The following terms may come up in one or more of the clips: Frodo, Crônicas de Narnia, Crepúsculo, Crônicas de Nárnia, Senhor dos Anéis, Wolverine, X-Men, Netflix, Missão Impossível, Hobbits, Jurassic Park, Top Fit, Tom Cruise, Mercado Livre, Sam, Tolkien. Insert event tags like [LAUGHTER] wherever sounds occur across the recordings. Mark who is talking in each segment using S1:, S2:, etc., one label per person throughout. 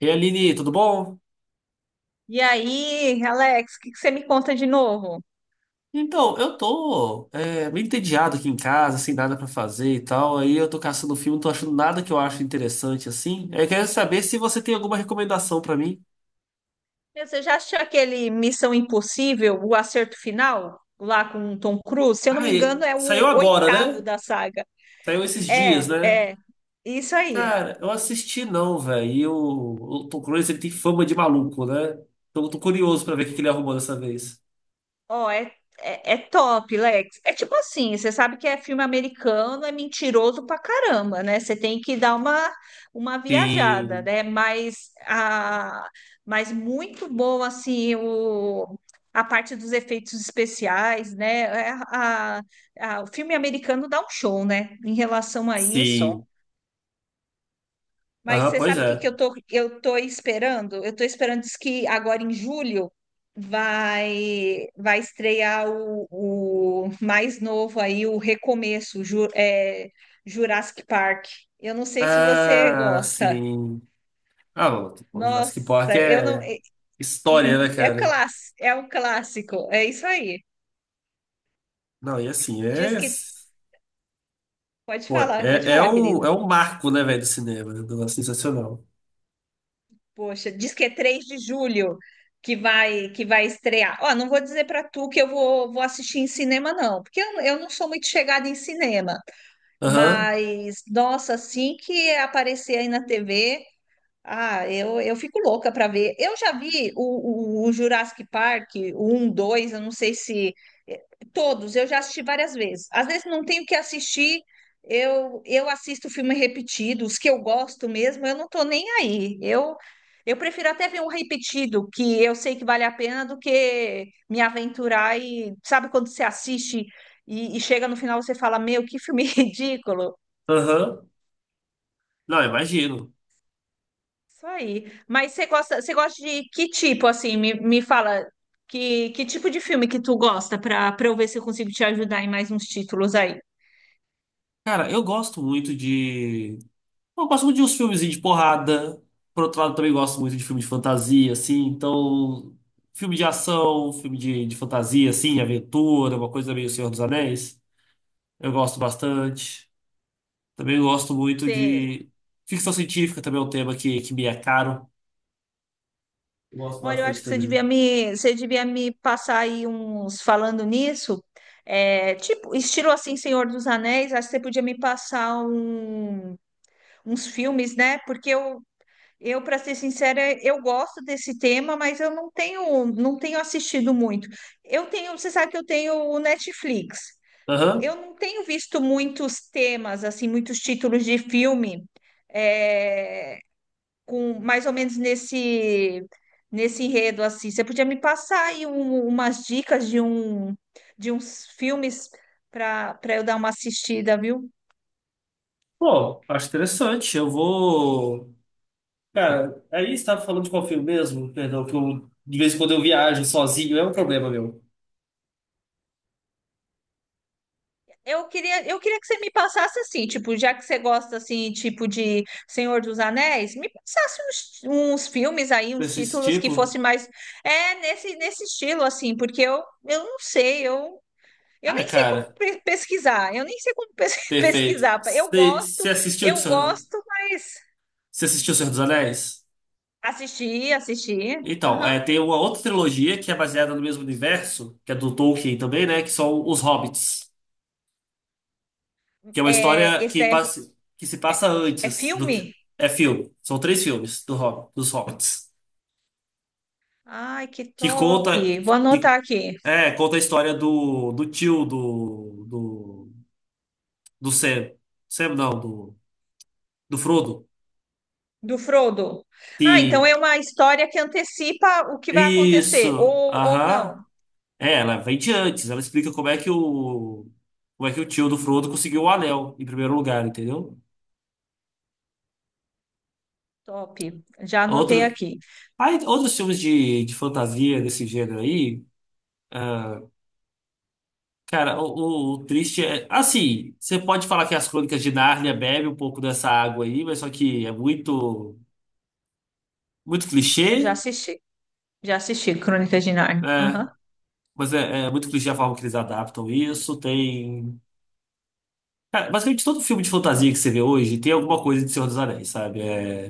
S1: E aí, Aline, tudo bom?
S2: E aí, Alex, o que você me conta de novo?
S1: Então, eu tô meio entediado aqui em casa, sem nada pra fazer e tal. Aí eu tô caçando filme, não tô achando nada que eu acho interessante assim. Aí eu quero saber se você tem alguma recomendação pra mim.
S2: Meu, você já assistiu aquele Missão Impossível, O Acerto Final, lá com o Tom Cruise? Se eu não
S1: Ah,
S2: me engano, é
S1: saiu
S2: o
S1: agora,
S2: oitavo
S1: né?
S2: da saga.
S1: Saiu esses dias, né?
S2: É, é, isso aí.
S1: Cara, eu assisti não, velho. E o Tom Cruise, ele tem fama de maluco, né? Então eu tô curioso pra ver o que que ele arrumou dessa vez.
S2: Ó, é top, Lex. É tipo assim, você sabe que é filme americano, é mentiroso pra caramba, né? Você tem que dar uma viajada,
S1: Sim,
S2: né? Mas muito bom, assim, a parte dos efeitos especiais, né? O filme americano dá um show, né? Em relação a isso,
S1: sim.
S2: mas
S1: Aham,
S2: você
S1: pois
S2: sabe o que que
S1: é.
S2: eu tô esperando? Eu tô esperando, diz que agora em julho vai estrear o mais novo aí, o Recomeço, Jurassic Park. Eu não sei se você
S1: Ah,
S2: gosta.
S1: sim. Ah, não, pô, Jurassic Park
S2: Nossa, eu não.
S1: é história, né,
S2: [LAUGHS]
S1: cara?
S2: É um clássico, é isso aí.
S1: Não, e assim,
S2: Diz
S1: é.
S2: que.
S1: Pô,
S2: Pode
S1: é, é
S2: falar, querido.
S1: um, é um marco, né, velho, do cinema. É um negócio sensacional.
S2: Poxa, diz que é 3 de julho que vai estrear. Ó, não vou dizer para tu que vou assistir em cinema, não, porque eu não sou muito chegada em cinema.
S1: Aham,
S2: Mas, nossa, assim que aparecer aí na TV, eu fico louca para ver. Eu já vi o Jurassic Park, o 1, 2, eu não sei se. eh, Todos, eu já assisti várias vezes. Às vezes não tenho o que assistir, eu assisto filme repetido, os que eu gosto mesmo, eu não tô nem aí. Eu prefiro até ver um repetido, que eu sei que vale a pena, do que me aventurar e. Sabe quando você assiste e chega no final você fala: Meu, que filme [LAUGHS] ridículo!
S1: aham. Não, imagino.
S2: Isso aí. Mas você gosta de que tipo, assim? Me fala que tipo de filme que tu gosta para para eu ver se eu consigo te ajudar em mais uns títulos aí.
S1: Cara, eu gosto muito de. Eu gosto muito de uns filmezinhos de porrada. Por outro lado, também gosto muito de filme de fantasia, assim. Então, filme de ação, filme de fantasia, assim, aventura, uma coisa meio Senhor dos Anéis. Eu gosto bastante. Também gosto muito
S2: Você,
S1: de ficção científica, também é um tema que me é caro. Eu gosto
S2: olha, eu acho
S1: bastante
S2: que
S1: também.
S2: você devia me passar aí uns, falando nisso. É, tipo, estilo assim, Senhor dos Anéis, acho que você podia me passar uns filmes, né? Porque eu, para ser sincera, eu gosto desse tema, mas eu não tenho, não tenho assistido muito. Eu tenho, você sabe que eu tenho o Netflix.
S1: Aham.
S2: Eu não tenho visto muitos temas, assim, muitos títulos de filme, é, com mais ou menos nesse enredo assim. Você podia me passar aí umas dicas de de uns filmes para para eu dar uma assistida, viu?
S1: Pô, acho interessante. Eu vou. Cara, aí você estava falando de qual filme mesmo? Perdão, que eu, de vez em quando eu viajo sozinho, é um problema meu.
S2: Eu queria que você me passasse assim, tipo, já que você gosta assim, tipo de Senhor dos Anéis, me passasse uns filmes aí, uns
S1: Desse
S2: títulos que
S1: tipo?
S2: fosse mais nesse estilo assim, porque eu não sei, eu
S1: Ah,
S2: nem sei como
S1: cara,
S2: pesquisar, eu nem sei como [LAUGHS]
S1: perfeito.
S2: pesquisar.
S1: Você você assistiu, de
S2: Eu gosto, mas
S1: Você assistiu O Senhor dos Anéis?
S2: assistir.
S1: Então,
S2: Aham.
S1: é, tem uma outra trilogia que é baseada no mesmo universo, que é do Tolkien também, né? Que são os Hobbits. Que é uma
S2: É,
S1: história
S2: esse
S1: que,
S2: é,
S1: passa, que se passa
S2: é
S1: antes do que.
S2: filme?
S1: É filme. São três filmes do dos Hobbits.
S2: Ai, que
S1: Que
S2: top.
S1: conta.
S2: Vou
S1: Que,
S2: anotar aqui.
S1: é, conta a história do, do tio do, do. Do Sam. Sam não, do, do Frodo.
S2: Do Frodo. Ah, então
S1: Sim.
S2: é uma história que antecipa o que vai acontecer,
S1: Isso.
S2: ou não.
S1: Aham. É, ela vem de antes. Ela explica como é que o. Como é que o tio do Frodo conseguiu o anel em primeiro lugar, entendeu?
S2: Top. Já anotei
S1: Outro,
S2: aqui.
S1: aí, outros filmes de fantasia desse gênero aí. Cara, o triste é. Assim, você pode falar que as Crônicas de Nárnia bebe um pouco dessa água aí, mas só que é muito, muito
S2: Eu já
S1: clichê,
S2: assisti. Já assisti Crônicas de Narnia. Aham.
S1: né? Mas é, é muito clichê a forma que eles adaptam isso. Tem. Cara, basicamente todo filme de fantasia que você vê hoje tem alguma coisa de Senhor dos Anéis, sabe? É,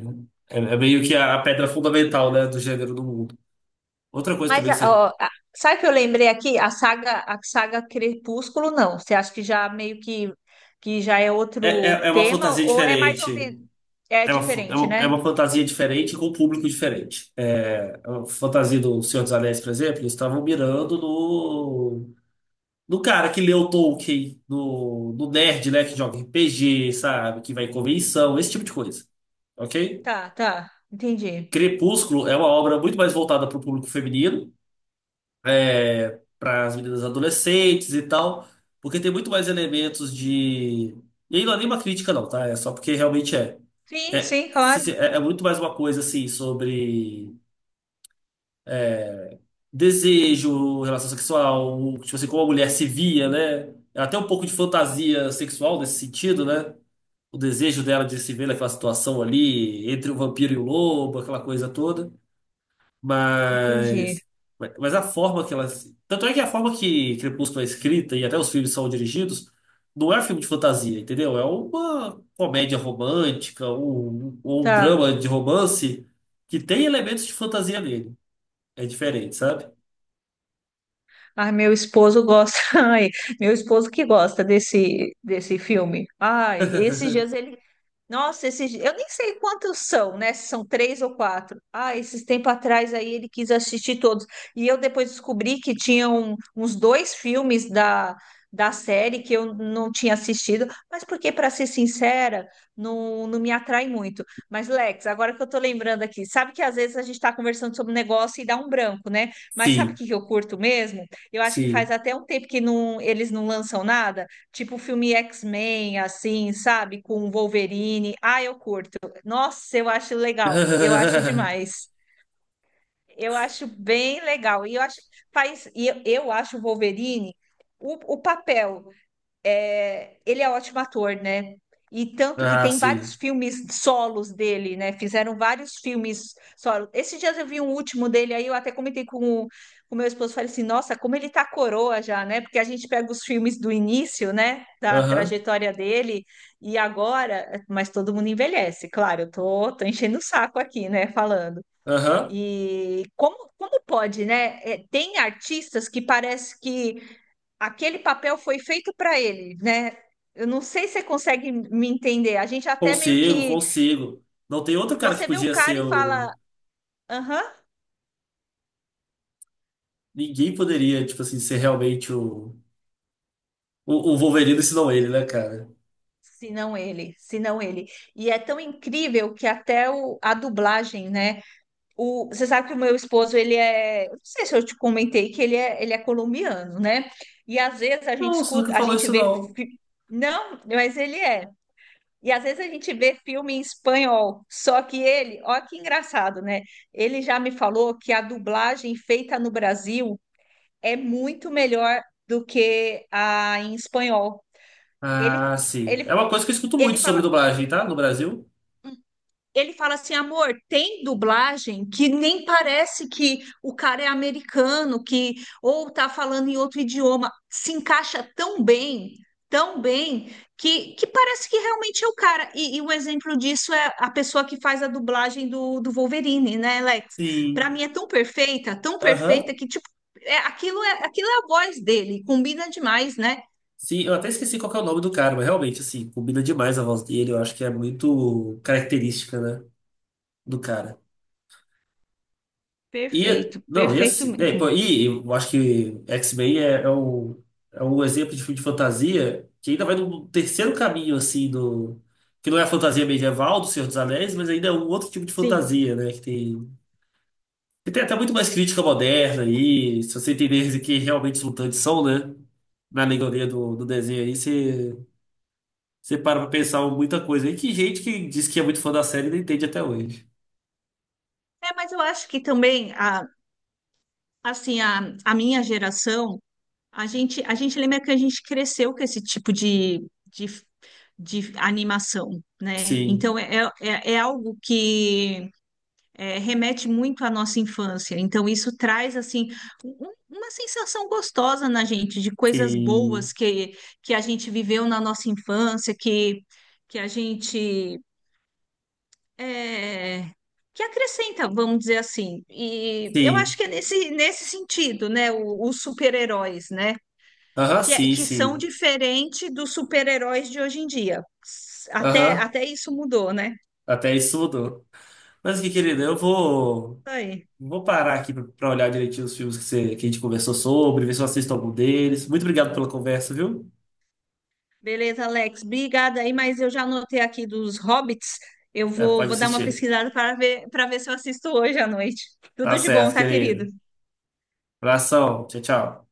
S1: é, é meio que a pedra fundamental, né, do gênero do mundo. Outra coisa
S2: Mas
S1: também que você.
S2: ó, sabe o que eu lembrei aqui? A saga Crepúsculo, não. Você acha que já meio que já é
S1: É,
S2: outro
S1: é, é uma
S2: tema,
S1: fantasia
S2: ou é mais ou
S1: diferente.
S2: menos. É
S1: É uma, f- é
S2: diferente,
S1: uma, é
S2: né?
S1: uma fantasia diferente com um público diferente. É, a fantasia do Senhor dos Anéis, por exemplo, eles estavam mirando no cara que leu Tolkien, no nerd, né, que joga RPG, sabe, que vai em convenção, esse tipo de coisa. Ok?
S2: Tá, tá. Entendi.
S1: Crepúsculo é uma obra muito mais voltada para o público feminino, para as meninas adolescentes e tal, porque tem muito mais elementos de. E aí não é nenhuma crítica, não, tá? É só porque realmente é.
S2: Sim,
S1: É,
S2: sim, claro.
S1: é, é muito mais uma coisa assim sobre desejo, relação sexual, tipo assim, como a mulher se via, né? É até um pouco de fantasia sexual nesse sentido, né? O desejo dela de se ver naquela situação ali, entre o vampiro e o lobo, aquela coisa toda.
S2: Entendi.
S1: Mas, mas a forma que elas. Tanto é que a forma que Crepúsculo é escrita e até os filmes são dirigidos não é um filme de fantasia, entendeu? É uma comédia romântica ou um,
S2: Tá.
S1: drama de romance que tem elementos de fantasia nele. É diferente, sabe?
S2: Ai, meu esposo gosta. [LAUGHS] Ai, meu esposo que gosta desse, desse filme. Ai, esses dias ele, nossa, esses, eu nem sei quantos são, né? Se são três ou quatro. Ah, esses tempo atrás aí ele quis assistir todos. E eu depois descobri que tinham uns dois filmes da, da série que eu não tinha assistido, mas porque, para ser sincera, não me atrai muito. Mas, Lex, agora que eu tô lembrando aqui, sabe que às vezes a gente está conversando sobre um negócio e dá um branco, né? Mas sabe o
S1: Sim,
S2: que que eu curto mesmo? Eu acho que faz
S1: sim.
S2: até um tempo que não, eles não lançam nada. Tipo filme X-Men, assim, sabe? Com Wolverine. Ah, eu curto. Nossa, eu acho legal. Eu acho
S1: [LAUGHS]
S2: demais. Eu acho bem legal. E eu acho, faz, eu acho o Wolverine, o papel é, ele é ótimo ator, né? E tanto que
S1: Ah,
S2: tem vários
S1: sim.
S2: filmes solos dele, né? Fizeram vários filmes solos. Esses dias eu vi um último dele, aí eu até comentei o, com o meu esposo, falei assim, nossa, como ele tá coroa já, né? Porque a gente pega os filmes do início, né? Da
S1: Aham,
S2: trajetória dele, e agora, mas todo mundo envelhece, claro, tô enchendo o saco aqui, né? Falando.
S1: aham.
S2: E como, como pode, né? É, tem artistas que parece que aquele papel foi feito para ele, né? Eu não sei se você consegue me entender. A gente até meio
S1: Consigo,
S2: que
S1: consigo. Não tem outro cara que
S2: você vê o
S1: podia
S2: cara
S1: ser
S2: e
S1: o.
S2: fala, aham,
S1: Ninguém poderia, tipo assim, ser realmente o. O Wolverine ensinou ele, né, cara?
S2: se não ele, se não ele. E é tão incrível que até a dublagem, né? O, você sabe que o meu esposo, eu não sei se eu te comentei que ele é colombiano, né? E às vezes a gente
S1: Não, você nunca
S2: escuta, a
S1: falou
S2: gente
S1: isso,
S2: vê,
S1: não.
S2: não, mas ele é. E às vezes a gente vê filme em espanhol, só que ele, ó que engraçado, né? Ele já me falou que a dublagem feita no Brasil é muito melhor do que a em espanhol. Ele,
S1: Ah, sim. É
S2: ele,
S1: uma coisa que eu escuto muito
S2: ele
S1: sobre
S2: fala,
S1: dublagem, tá? No Brasil.
S2: ele fala assim, amor, tem dublagem que nem parece que o cara é americano, que ou tá falando em outro idioma, se encaixa tão bem, que parece que realmente é o cara. E um exemplo disso é a pessoa que faz a dublagem do Wolverine, né, Alex? Para
S1: Sim.
S2: mim é tão perfeita
S1: Aham.
S2: que tipo, é, aquilo é a voz dele, combina demais, né?
S1: Sim, eu até esqueci qual que é o nome do cara, mas realmente, assim, combina demais a voz dele. Eu acho que é muito característica, né, do cara. E,
S2: Perfeito,
S1: não, e
S2: perfeito
S1: assim, né,
S2: mesmo.
S1: pô, e eu acho que X-Men um, é um exemplo de filme de fantasia que ainda vai no terceiro caminho, assim, do, que não é a fantasia medieval do Senhor dos Anéis, mas ainda é um outro tipo de
S2: Sim.
S1: fantasia, né, que tem. E tem até muito mais crítica moderna aí, se você entender que realmente os mutantes são, né? Na alegoria do desenho aí, você, você para pra pensar muita coisa aí. Que gente que diz que é muito fã da série e não entende até hoje.
S2: É, mas eu acho que também a assim, a minha geração, a gente lembra que a gente cresceu com esse tipo de, de animação, né?
S1: Sim,
S2: Então, é algo que é, remete muito à nossa infância. Então, isso traz, assim, uma sensação gostosa na gente, de coisas
S1: sim,
S2: boas que a gente viveu na nossa infância, que a gente é, que acrescenta, vamos dizer assim. E eu
S1: sim.
S2: acho que é nesse sentido, né? Os super-heróis, né?
S1: Aham, sim,
S2: Que são
S1: sim.
S2: diferentes dos super-heróis de hoje em dia. Até,
S1: Aham,
S2: até isso mudou, né? Isso
S1: até isso mudou. Mas que querido, eu vou,
S2: aí.
S1: vou parar aqui pra pra olhar direitinho os filmes que, você, que a gente conversou sobre, ver se eu assisto algum deles. Muito obrigado pela conversa, viu?
S2: Beleza, Alex. Obrigada aí, mas eu já anotei aqui dos Hobbits.
S1: É, pode
S2: Vou dar uma
S1: assistir.
S2: pesquisada para ver se eu assisto hoje à noite.
S1: Tá
S2: Tudo de bom,
S1: certo,
S2: tá, querido?
S1: querido. Abração, tchau, tchau.